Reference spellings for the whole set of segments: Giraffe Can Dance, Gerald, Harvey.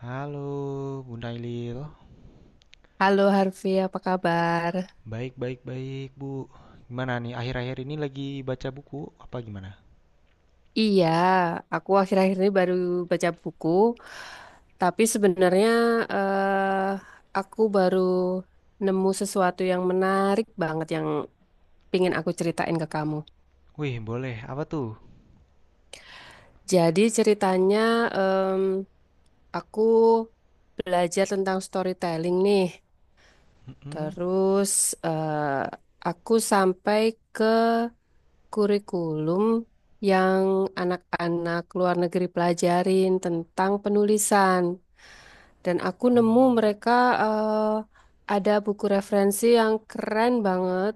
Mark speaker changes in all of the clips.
Speaker 1: Halo, Bunda Ilil.
Speaker 2: Halo Harvey, apa kabar?
Speaker 1: Baik, baik, baik, Bu. Gimana nih, akhir-akhir ini lagi baca buku apa gimana?
Speaker 2: Iya, aku akhir-akhir ini baru baca buku, tapi sebenarnya eh, aku baru nemu sesuatu yang menarik banget yang pingin aku ceritain ke kamu.
Speaker 1: Wih, boleh. Apa tuh?
Speaker 2: Jadi ceritanya em, aku belajar tentang storytelling nih,
Speaker 1: Mm-mm.
Speaker 2: terus eh, aku sampai ke kurikulum yang anak-anak luar negeri pelajarin tentang penulisan. Dan aku
Speaker 1: Oh.
Speaker 2: nemu mereka eh, ada buku referensi yang keren banget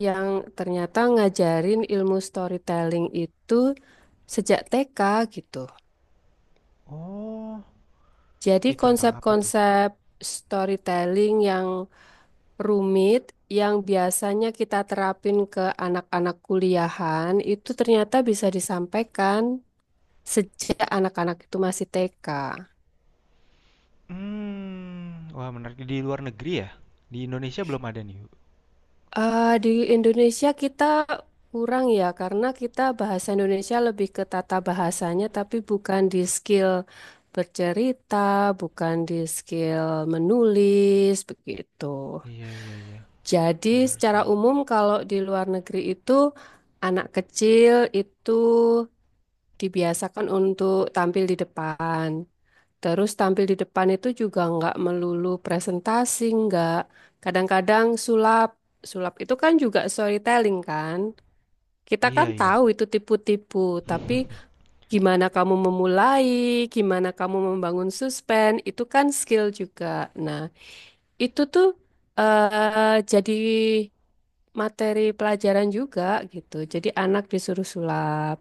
Speaker 2: yang ternyata ngajarin ilmu storytelling itu sejak TK gitu.
Speaker 1: Oh.
Speaker 2: Jadi
Speaker 1: Wih, tentang apa tuh?
Speaker 2: konsep-konsep storytelling yang rumit yang biasanya kita terapin ke anak-anak kuliahan itu ternyata bisa disampaikan sejak anak-anak itu masih TK.
Speaker 1: Hmm. Wah, menarik. Di luar negeri ya? Di Indonesia belum ada nih, Bu.
Speaker 2: Eh, di Indonesia kita kurang ya, karena kita bahasa Indonesia lebih ke tata bahasanya, tapi bukan di skill bercerita, bukan di skill menulis, begitu.
Speaker 1: Iya, iya, iya.
Speaker 2: Jadi
Speaker 1: Bener
Speaker 2: secara
Speaker 1: sih.
Speaker 2: umum kalau di luar negeri itu anak kecil itu dibiasakan untuk tampil di depan. Terus tampil di depan itu juga nggak melulu presentasi, nggak. Kadang-kadang sulap. Sulap itu kan juga storytelling kan. Kita kan
Speaker 1: Iya,
Speaker 2: tahu
Speaker 1: iya.
Speaker 2: itu tipu-tipu, tapi gimana kamu memulai, gimana kamu membangun suspense, itu kan skill juga. Nah, itu tuh jadi materi pelajaran juga gitu. Jadi anak disuruh sulap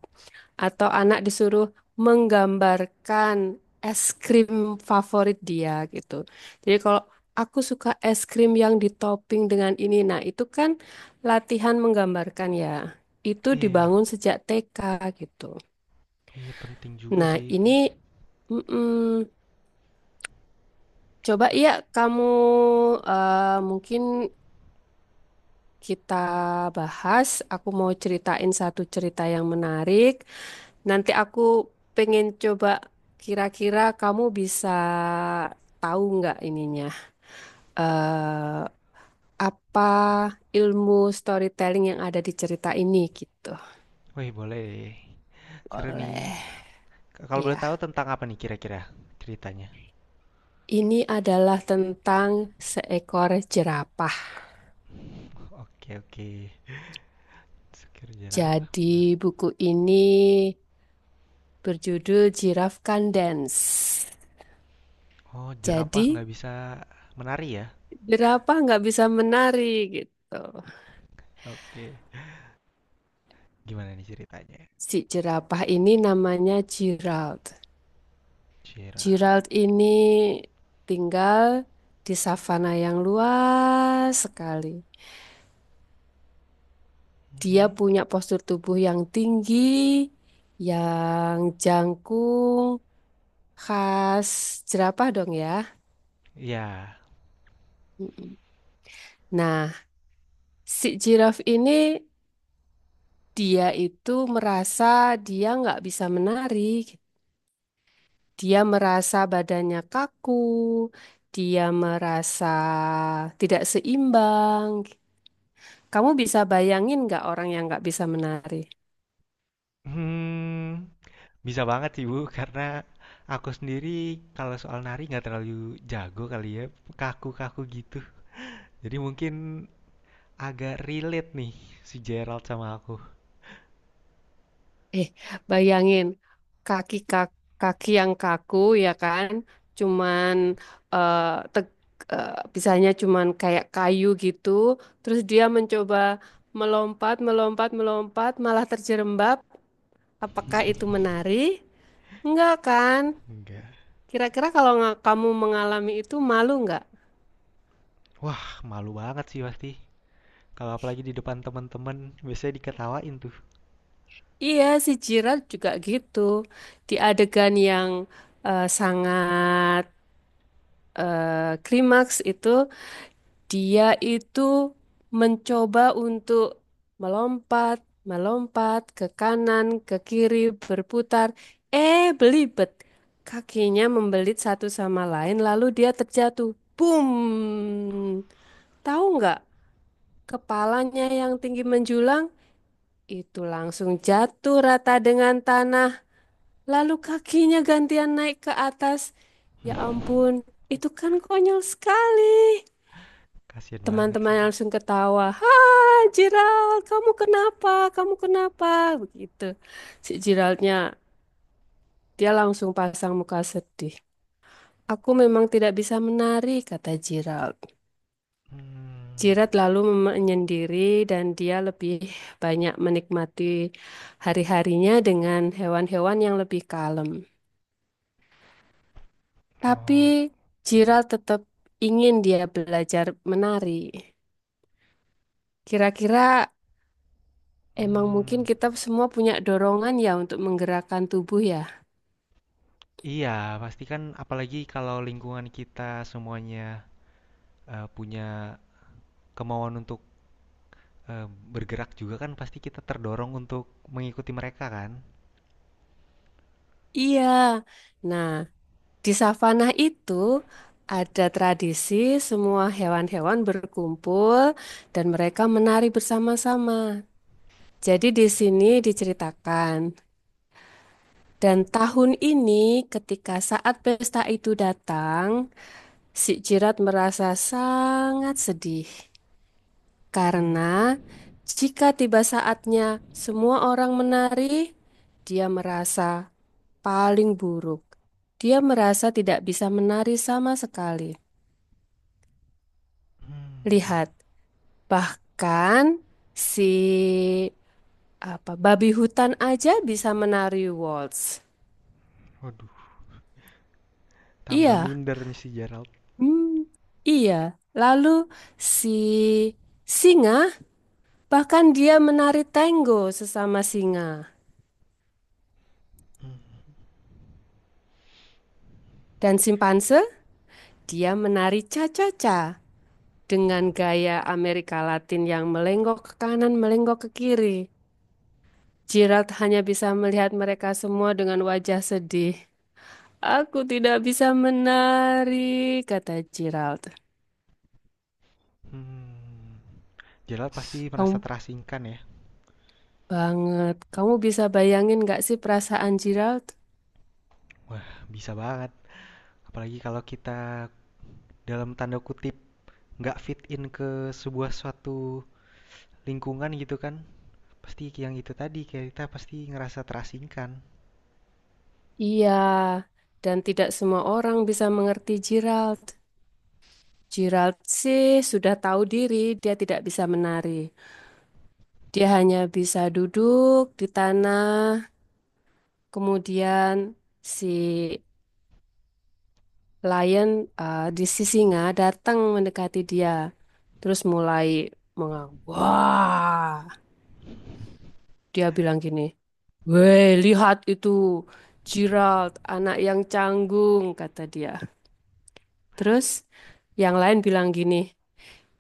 Speaker 2: atau anak disuruh menggambarkan es krim favorit dia gitu. Jadi kalau aku suka es krim yang ditopping dengan ini, nah itu kan latihan menggambarkan ya. Itu
Speaker 1: Iya.
Speaker 2: dibangun sejak TK gitu.
Speaker 1: Iya, penting juga
Speaker 2: Nah
Speaker 1: sih itu.
Speaker 2: ini mm-mm, coba ya kamu mungkin kita bahas. Aku mau ceritain satu cerita yang menarik. Nanti aku pengen coba kira-kira kamu bisa tahu nggak ininya eh apa ilmu storytelling yang ada di cerita ini gitu.
Speaker 1: Wih, boleh. Seru nih.
Speaker 2: Oleh
Speaker 1: Kalau boleh
Speaker 2: ya,
Speaker 1: tahu tentang apa nih kira-kira ceritanya?
Speaker 2: ini adalah tentang seekor jerapah.
Speaker 1: Oke, oke. Sekir jerapah
Speaker 2: Jadi
Speaker 1: menarik.
Speaker 2: buku ini berjudul Giraffe Can Dance.
Speaker 1: Oh, jerapah
Speaker 2: Jadi
Speaker 1: nggak bisa menari ya?
Speaker 2: jerapah nggak bisa menari gitu.
Speaker 1: Oke. Okay. Gimana nih ceritanya?
Speaker 2: Si jerapah ini namanya Gerald.
Speaker 1: Jirau.
Speaker 2: Gerald ini tinggal di savana yang luas sekali. Dia
Speaker 1: Hmm.
Speaker 2: punya postur tubuh yang tinggi, yang jangkung, khas jerapah dong ya.
Speaker 1: Ya.
Speaker 2: Mm-mm. Nah, si jiraf ini dia itu merasa dia nggak bisa menari. Dia merasa badannya kaku, dia merasa tidak seimbang. Kamu bisa bayangin nggak orang yang nggak bisa menari?
Speaker 1: Hmm, bisa banget sih Bu, karena aku sendiri kalau soal nari nggak terlalu jago kali ya, kaku-kaku gitu. Jadi mungkin agak relate nih si Gerald sama aku.
Speaker 2: Eh, bayangin kaki yang kaku ya kan, cuman eh, teg- eh, bisanya cuman kayak kayu gitu. Terus dia mencoba melompat, melompat, melompat, malah terjerembab. Apakah itu menari? Enggak kan?
Speaker 1: Enggak.
Speaker 2: Kira-kira kalau kamu mengalami itu malu nggak?
Speaker 1: Wah, malu banget sih pasti. Kalau apalagi di depan teman-teman, biasanya diketawain tuh.
Speaker 2: Iya, si Jirat juga gitu. Di adegan yang sangat klimaks itu dia itu mencoba untuk melompat, melompat ke kanan, ke kiri, berputar. Eh, belibet. Kakinya membelit satu sama lain, lalu dia terjatuh. Boom! Tahu nggak? Kepalanya yang tinggi menjulang itu langsung jatuh rata dengan tanah. Lalu kakinya gantian naik ke atas. Ya ampun, itu kan konyol sekali.
Speaker 1: Kasian banget
Speaker 2: Teman-teman
Speaker 1: sih.
Speaker 2: langsung ketawa. Hai Gerald, kamu kenapa? Kamu kenapa? Begitu. Si Geraldnya, dia langsung pasang muka sedih. Aku memang tidak bisa menari, kata Gerald.
Speaker 1: Hmm.
Speaker 2: Gerald lalu menyendiri dan dia lebih banyak menikmati hari-harinya dengan hewan-hewan yang lebih kalem. Tapi
Speaker 1: Oh,
Speaker 2: Gerald tetap ingin dia belajar menari. Kira-kira emang mungkin
Speaker 1: hmm,
Speaker 2: kita semua punya dorongan ya untuk menggerakkan tubuh ya.
Speaker 1: iya, pasti kan apalagi kalau lingkungan kita semuanya punya kemauan untuk eh, bergerak juga kan pasti kita terdorong untuk mengikuti mereka kan.
Speaker 2: Iya. Nah, di savana itu ada tradisi semua hewan-hewan berkumpul dan mereka menari bersama-sama. Jadi di sini diceritakan. Dan tahun ini ketika saat pesta itu datang, si Jirat merasa sangat sedih.
Speaker 1: Hmm,
Speaker 2: Karena jika tiba saatnya semua orang menari, dia merasa paling buruk. Dia merasa tidak bisa menari sama sekali.
Speaker 1: hmm,
Speaker 2: Lihat, bahkan si apa babi hutan aja bisa menari waltz.
Speaker 1: waduh, tambah
Speaker 2: Iya,
Speaker 1: minder nih si Gerald.
Speaker 2: hmm, iya. Lalu si singa bahkan dia menari tango sesama singa. Dan simpanse dia menari cha-cha-cha. Dengan gaya Amerika Latin yang melenggok ke kanan, melenggok ke kiri, Gerald hanya bisa melihat mereka semua dengan wajah sedih. Aku tidak bisa menari, kata Gerald.
Speaker 1: Hmm, Gerald pasti merasa
Speaker 2: Kamu
Speaker 1: terasingkan ya.
Speaker 2: banget. Kamu bisa bayangin gak sih perasaan Gerald?
Speaker 1: Wah, bisa banget. Apalagi kalau kita dalam tanda kutip nggak fit in ke sebuah suatu lingkungan gitu kan. Pasti yang itu tadi, kita pasti ngerasa terasingkan.
Speaker 2: Iya, dan tidak semua orang bisa mengerti Gerald. Gerald sih sudah tahu diri, dia tidak bisa menari. Dia hanya bisa duduk di tanah. Kemudian si lion eh, di si singa datang mendekati dia. Terus mulai mengang. Wah, dia bilang gini, weh, lihat itu Gerald, anak yang canggung, kata dia. Terus yang lain bilang gini,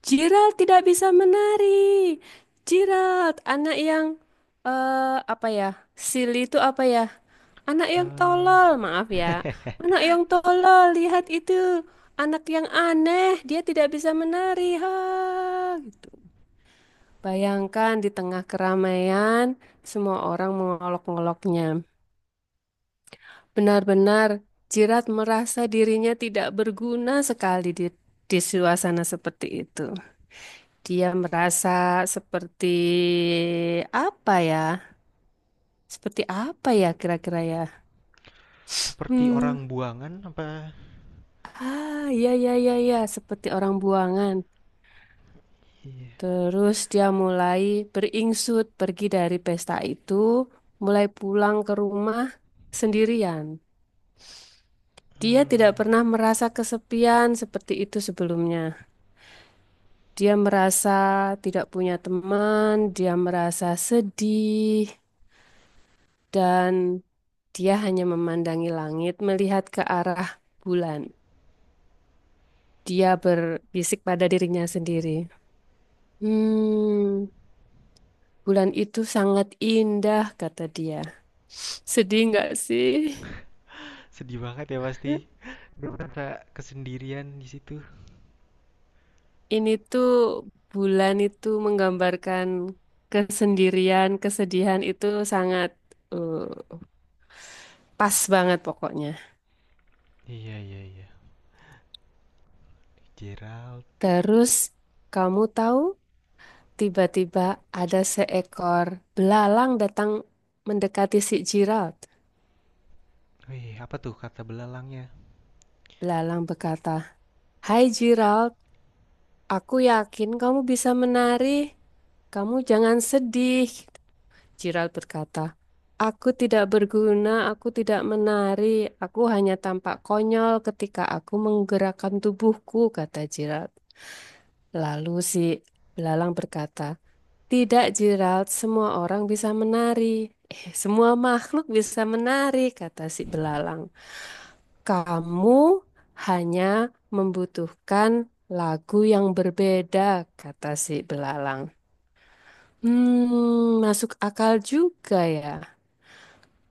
Speaker 2: Gerald tidak bisa menari. Gerald, anak yang apa ya? Silly itu apa ya? Anak yang
Speaker 1: Eee,
Speaker 2: tolol, maaf ya. Anak yang tolol, lihat itu. Anak yang aneh, dia tidak bisa menari. Ha, gitu. Bayangkan di tengah keramaian, semua orang mengolok-ngoloknya. Benar-benar Jirat merasa dirinya tidak berguna sekali di suasana seperti itu. Dia merasa seperti apa ya? Seperti apa ya kira-kira ya?
Speaker 1: seperti
Speaker 2: Hmm.
Speaker 1: orang buangan apa
Speaker 2: Ah, iya, iya, iya, iya. Seperti orang buangan.
Speaker 1: iya,
Speaker 2: Terus dia mulai beringsut pergi dari pesta itu, mulai pulang ke rumah sendirian. Dia tidak
Speaker 1: mmm,
Speaker 2: pernah merasa kesepian seperti itu sebelumnya. Dia merasa tidak punya teman, dia merasa sedih, dan dia hanya memandangi langit, melihat ke arah bulan. Dia berbisik pada dirinya sendiri. Hmm, bulan itu sangat indah, kata dia. Sedih nggak sih?
Speaker 1: sedih banget ya pasti. Dia merasa kesendirian di situ.
Speaker 2: Ini tuh bulan itu menggambarkan kesendirian, kesedihan itu sangat eh, pas banget pokoknya.
Speaker 1: Iya iya iya, Gerald.
Speaker 2: Terus kamu tahu tiba-tiba ada seekor belalang datang mendekati si Gerald.
Speaker 1: Wih, apa tuh kata belalangnya?
Speaker 2: Belalang berkata, "Hai Gerald, aku yakin kamu bisa menari. Kamu jangan sedih. Jiral berkata, aku tidak berguna, aku tidak menari, aku hanya tampak konyol ketika aku menggerakkan tubuhku, kata Jiral. Lalu si belalang berkata, tidak Jiral, semua orang bisa menari. Eh, semua makhluk bisa menari, kata si belalang. Kamu hanya membutuhkan lagu yang berbeda, kata si belalang. Hmm, masuk akal juga ya.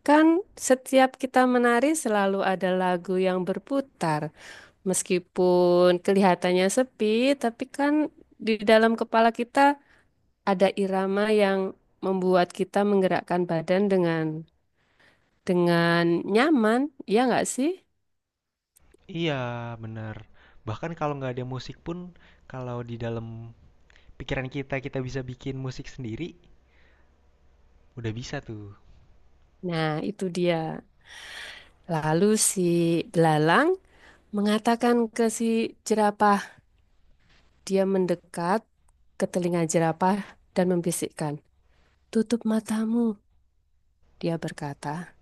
Speaker 2: Kan setiap kita menari selalu ada lagu yang berputar. Meskipun kelihatannya sepi, tapi kan di dalam kepala kita ada irama yang membuat kita menggerakkan badan dengan nyaman, ya nggak sih?
Speaker 1: Iya, benar. Bahkan kalau nggak ada musik pun, kalau di dalam pikiran kita, kita bisa bikin musik sendiri, udah bisa tuh.
Speaker 2: Nah, itu dia. Lalu si belalang mengatakan ke si jerapah, dia mendekat ke telinga jerapah dan membisikkan, "Tutup matamu," dia berkata.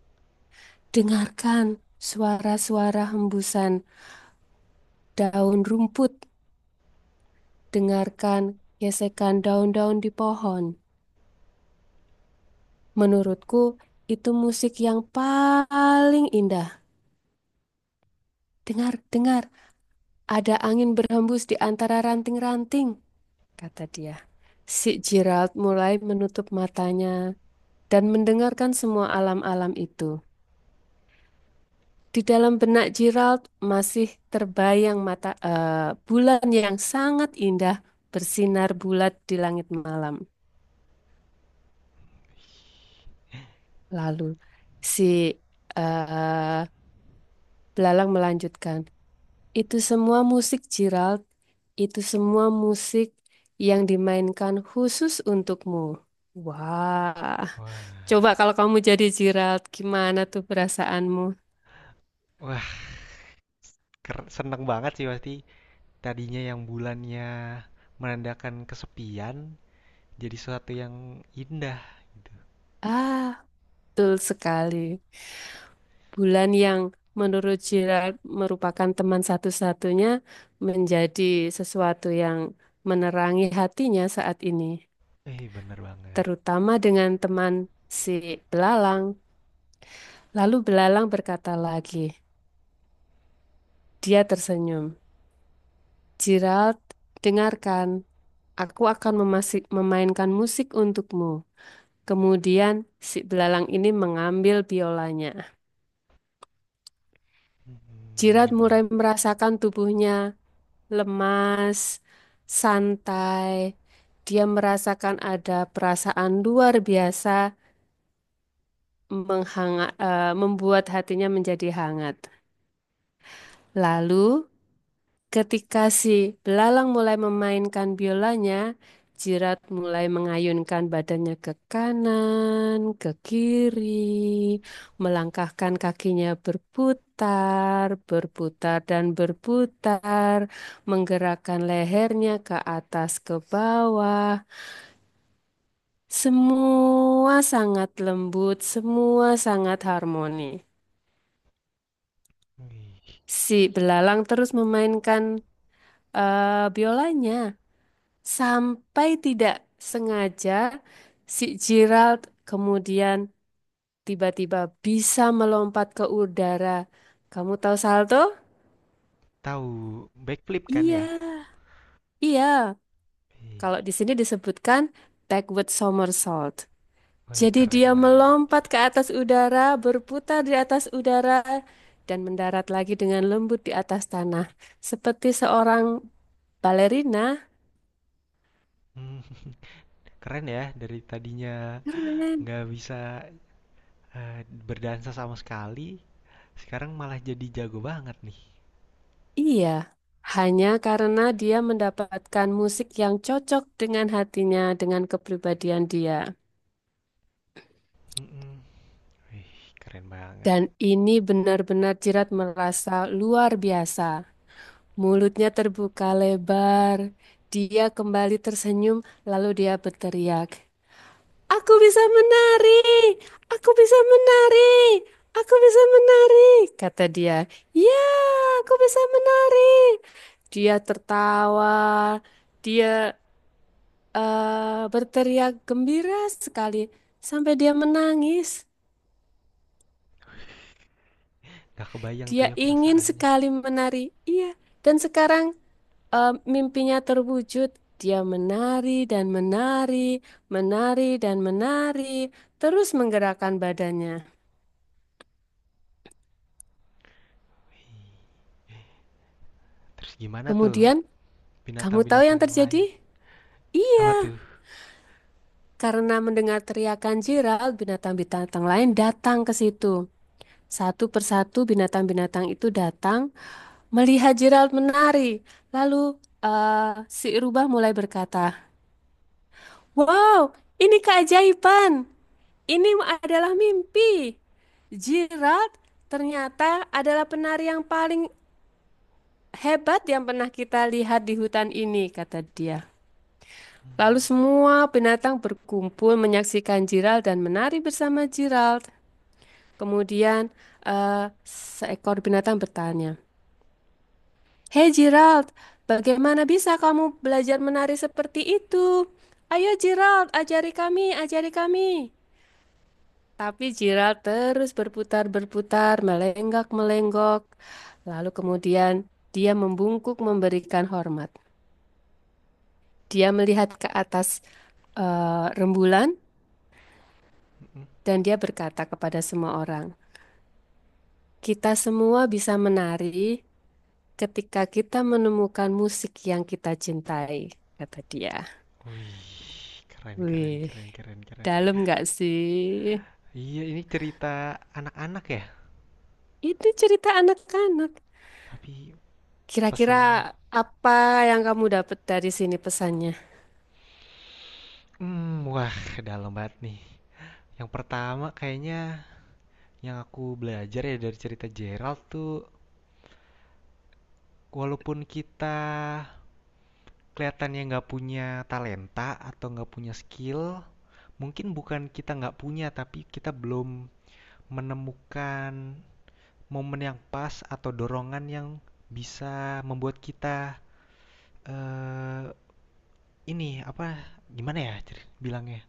Speaker 2: Dengarkan suara-suara hembusan daun rumput, dengarkan gesekan daun-daun di pohon. Menurutku, itu musik yang paling indah. Dengar, dengar, ada angin berhembus di antara ranting-ranting, kata dia. Si Gerald mulai menutup matanya dan mendengarkan semua alam-alam itu. Di dalam benak Gerald masih terbayang mata bulan yang sangat indah bersinar bulat di langit malam. Lalu si eh, belalang melanjutkan, itu semua musik Gerald, itu semua musik yang dimainkan khusus untukmu. Wah,
Speaker 1: Wah,
Speaker 2: coba kalau kamu jadi Gerald, gimana tuh perasaanmu?
Speaker 1: wah, seneng banget sih pasti. Tadinya yang bulannya menandakan kesepian, jadi sesuatu yang indah.
Speaker 2: Ah, betul sekali. Bulan yang menurut Gerard merupakan teman satu-satunya menjadi sesuatu yang menerangi hatinya saat ini,
Speaker 1: Eh, bener banget.
Speaker 2: terutama dengan teman si belalang. Lalu belalang berkata lagi, dia tersenyum. Gerald, dengarkan, aku akan memainkan musik untukmu. Kemudian si belalang ini mengambil biolanya.
Speaker 1: Hmm,
Speaker 2: Gerald mulai
Speaker 1: mana?
Speaker 2: merasakan tubuhnya lemas, santai. Dia merasakan ada perasaan luar biasa membuat hatinya menjadi hangat. Lalu ketika si belalang mulai memainkan biolanya, Jirat mulai mengayunkan badannya ke kanan, ke kiri, melangkahkan kakinya berputar, berputar dan berputar, menggerakkan lehernya ke atas ke bawah. Semua sangat lembut, semua sangat harmoni. Si belalang terus memainkan biolanya. Sampai tidak sengaja si Gerald kemudian tiba-tiba bisa melompat ke udara. Kamu tahu salto?
Speaker 1: Tahu backflip kan ya?
Speaker 2: Iya, iya.
Speaker 1: Wih,
Speaker 2: Kalau di sini disebutkan backward somersault.
Speaker 1: wih,
Speaker 2: Jadi
Speaker 1: keren
Speaker 2: dia
Speaker 1: banget.
Speaker 2: melompat ke atas udara, berputar di atas udara, dan mendarat lagi dengan lembut di atas tanah. Seperti seorang balerina.
Speaker 1: Hmm, keren ya dari tadinya
Speaker 2: Keren.
Speaker 1: nggak bisa eh, berdansa sama sekali, sekarang malah jadi jago banget nih.
Speaker 2: Iya, hanya karena dia mendapatkan musik yang cocok dengan hatinya, dengan kepribadian dia.
Speaker 1: Hmm, wih, keren banget.
Speaker 2: Dan ini benar-benar Jirat merasa luar biasa. Mulutnya terbuka lebar. Dia kembali tersenyum, lalu dia berteriak, aku bisa menari! Aku bisa menari! Aku bisa menari! Kata dia, ya, aku bisa menari! Dia tertawa. Dia berteriak gembira sekali sampai dia menangis.
Speaker 1: Gak kebayang
Speaker 2: Dia
Speaker 1: tuh ya
Speaker 2: ingin
Speaker 1: perasaannya.
Speaker 2: sekali menari. Iya, dan sekarang mimpinya terwujud. Dia menari dan menari, terus menggerakkan badannya.
Speaker 1: Terus gimana tuh
Speaker 2: Kemudian, kamu tahu
Speaker 1: binatang-binatang
Speaker 2: yang
Speaker 1: yang
Speaker 2: terjadi?
Speaker 1: lain? Apa
Speaker 2: Iya,
Speaker 1: tuh?
Speaker 2: karena mendengar teriakan Jiral, binatang-binatang lain datang ke situ. Satu persatu binatang-binatang itu datang melihat Gerald menari, lalu si rubah mulai berkata, wow, ini keajaiban. Ini adalah mimpi. Gerald ternyata adalah penari yang paling hebat yang pernah kita lihat di hutan ini, kata dia. Lalu semua binatang berkumpul menyaksikan Gerald dan menari bersama Gerald. Kemudian seekor binatang bertanya, hei Gerald, bagaimana bisa kamu belajar menari seperti itu? Ayo Gerald, ajari kami, ajari kami. Tapi Gerald terus berputar-berputar, melenggak-melenggok. Lalu kemudian dia membungkuk memberikan hormat. Dia melihat ke atas rembulan
Speaker 1: Mm.
Speaker 2: dan dia berkata kepada semua orang, "Kita semua bisa menari ketika kita menemukan musik yang kita cintai," kata dia.
Speaker 1: Wih, keren, keren,
Speaker 2: Wih,
Speaker 1: keren, keren, keren.
Speaker 2: dalam nggak sih?
Speaker 1: Iya, ini cerita anak-anak ya,
Speaker 2: Itu cerita anak-anak.
Speaker 1: tapi
Speaker 2: Kira-kira
Speaker 1: pesannya,
Speaker 2: apa yang kamu dapat dari sini pesannya?
Speaker 1: hmm, wah, dalam banget nih. Yang pertama kayaknya yang aku belajar ya dari cerita Gerald tuh, walaupun kita kelihatannya nggak punya talenta atau nggak punya skill, mungkin bukan kita nggak punya, tapi kita belum menemukan momen yang pas atau dorongan yang bisa membuat kita eh, ini apa bilangnya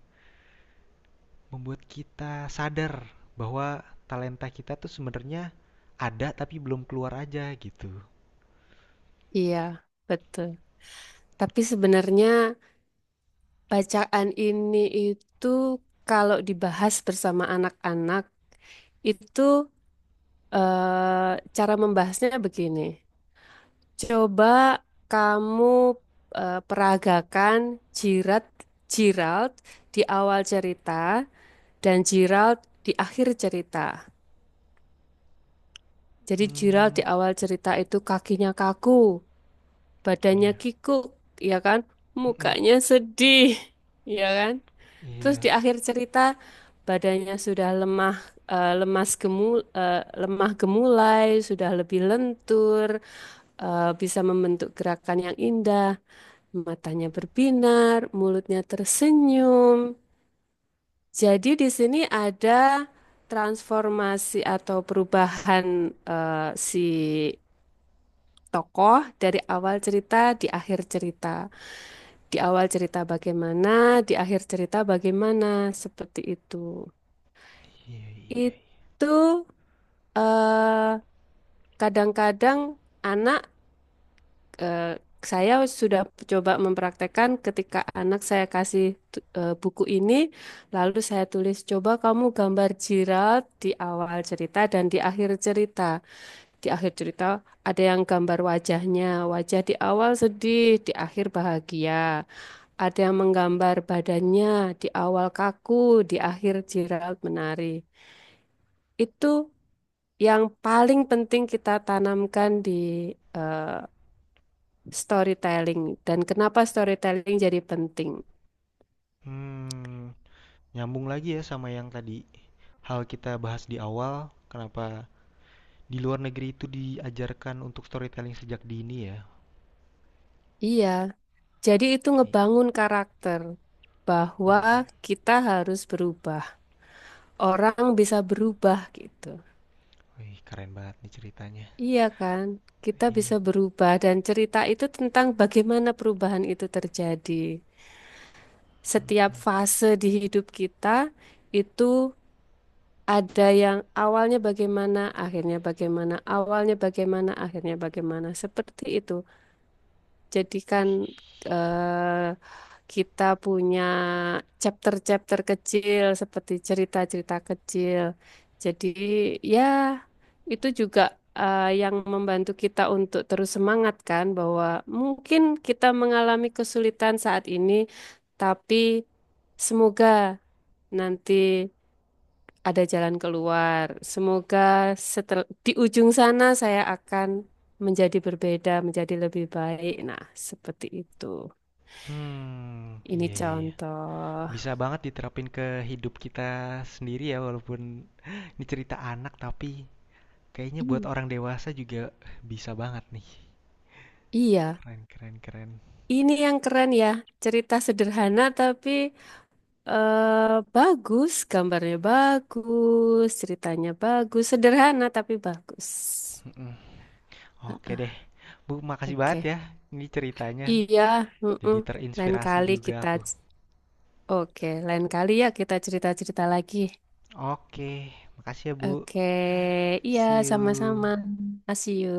Speaker 1: membuat kita sadar bahwa talenta kita tuh sebenarnya ada tapi belum keluar aja gitu.
Speaker 2: Iya, betul. Tapi sebenarnya bacaan ini itu kalau dibahas bersama anak-anak itu cara membahasnya begini. Coba kamu peragakan jirat Gerald di awal cerita dan Gerald di akhir cerita. Jadi Gerald
Speaker 1: Hmm,
Speaker 2: di awal cerita itu kakinya kaku, badannya
Speaker 1: iya.
Speaker 2: kikuk, ya kan?
Speaker 1: Mm.
Speaker 2: Mukanya sedih, ya kan? Terus di
Speaker 1: Iya,
Speaker 2: akhir cerita badannya sudah lemah, eh, lemas gemul, eh, lemah gemulai, sudah lebih lentur, bisa membentuk gerakan yang indah, matanya berbinar, mulutnya tersenyum. Jadi di sini ada transformasi atau perubahan eh, si tokoh dari awal cerita di akhir cerita. Di awal cerita bagaimana, di akhir cerita bagaimana, seperti itu.
Speaker 1: iya, iya, iya.
Speaker 2: Itu eh, kadang-kadang anak eh, saya sudah coba mempraktekkan ketika anak saya kasih buku ini, lalu saya tulis, coba kamu gambar Gerald di awal cerita dan di akhir cerita. Di akhir cerita ada yang gambar wajahnya, wajah di awal sedih, di akhir bahagia. Ada yang menggambar badannya, di awal kaku, di akhir Gerald menari. Itu yang paling penting kita tanamkan di eh, storytelling dan kenapa storytelling jadi penting.
Speaker 1: Hmm, nyambung lagi ya sama yang tadi hal kita bahas di awal, kenapa di luar negeri itu diajarkan untuk storytelling sejak dini ya.
Speaker 2: Iya, jadi itu
Speaker 1: Oke, okay.
Speaker 2: ngebangun karakter bahwa
Speaker 1: Iya, yeah, iya. Yeah.
Speaker 2: kita harus berubah. Orang bisa berubah gitu.
Speaker 1: Wih, keren banget nih ceritanya.
Speaker 2: Iya kan? Kita
Speaker 1: Iya. Yeah.
Speaker 2: bisa berubah dan cerita itu tentang bagaimana perubahan itu terjadi. Setiap fase di hidup kita itu ada yang awalnya bagaimana, akhirnya bagaimana, awalnya bagaimana, akhirnya bagaimana. Seperti itu. Jadikan eh, kita punya chapter-chapter kecil seperti cerita-cerita kecil. Jadi ya itu juga yang membantu kita untuk terus semangat kan bahwa mungkin kita mengalami kesulitan saat ini, tapi semoga nanti ada jalan keluar. Semoga di ujung sana saya akan menjadi berbeda, menjadi lebih baik. Nah, seperti itu.
Speaker 1: Hmm, iya,
Speaker 2: Ini
Speaker 1: yeah, iya, yeah.
Speaker 2: contoh.
Speaker 1: Bisa banget diterapin ke hidup kita sendiri ya, walaupun ini cerita anak, tapi kayaknya buat
Speaker 2: I-
Speaker 1: orang dewasa juga bisa banget nih.
Speaker 2: iya,
Speaker 1: Keren, keren, keren.
Speaker 2: ini yang keren ya. Cerita sederhana tapi bagus, gambarnya bagus, ceritanya bagus, sederhana tapi bagus.
Speaker 1: Mm-mm. Oke deh.
Speaker 2: Ah,
Speaker 1: Bu, makasih banget
Speaker 2: oke.
Speaker 1: ya ini ceritanya.
Speaker 2: Iya, mm-mm.
Speaker 1: Jadi
Speaker 2: Lain
Speaker 1: terinspirasi
Speaker 2: kali
Speaker 1: juga
Speaker 2: kita
Speaker 1: aku.
Speaker 2: oke, lain kali ya kita cerita-cerita lagi.
Speaker 1: Oke, makasih ya, Bu.
Speaker 2: Oke, iya
Speaker 1: See
Speaker 2: sama-sama.
Speaker 1: you.
Speaker 2: See you.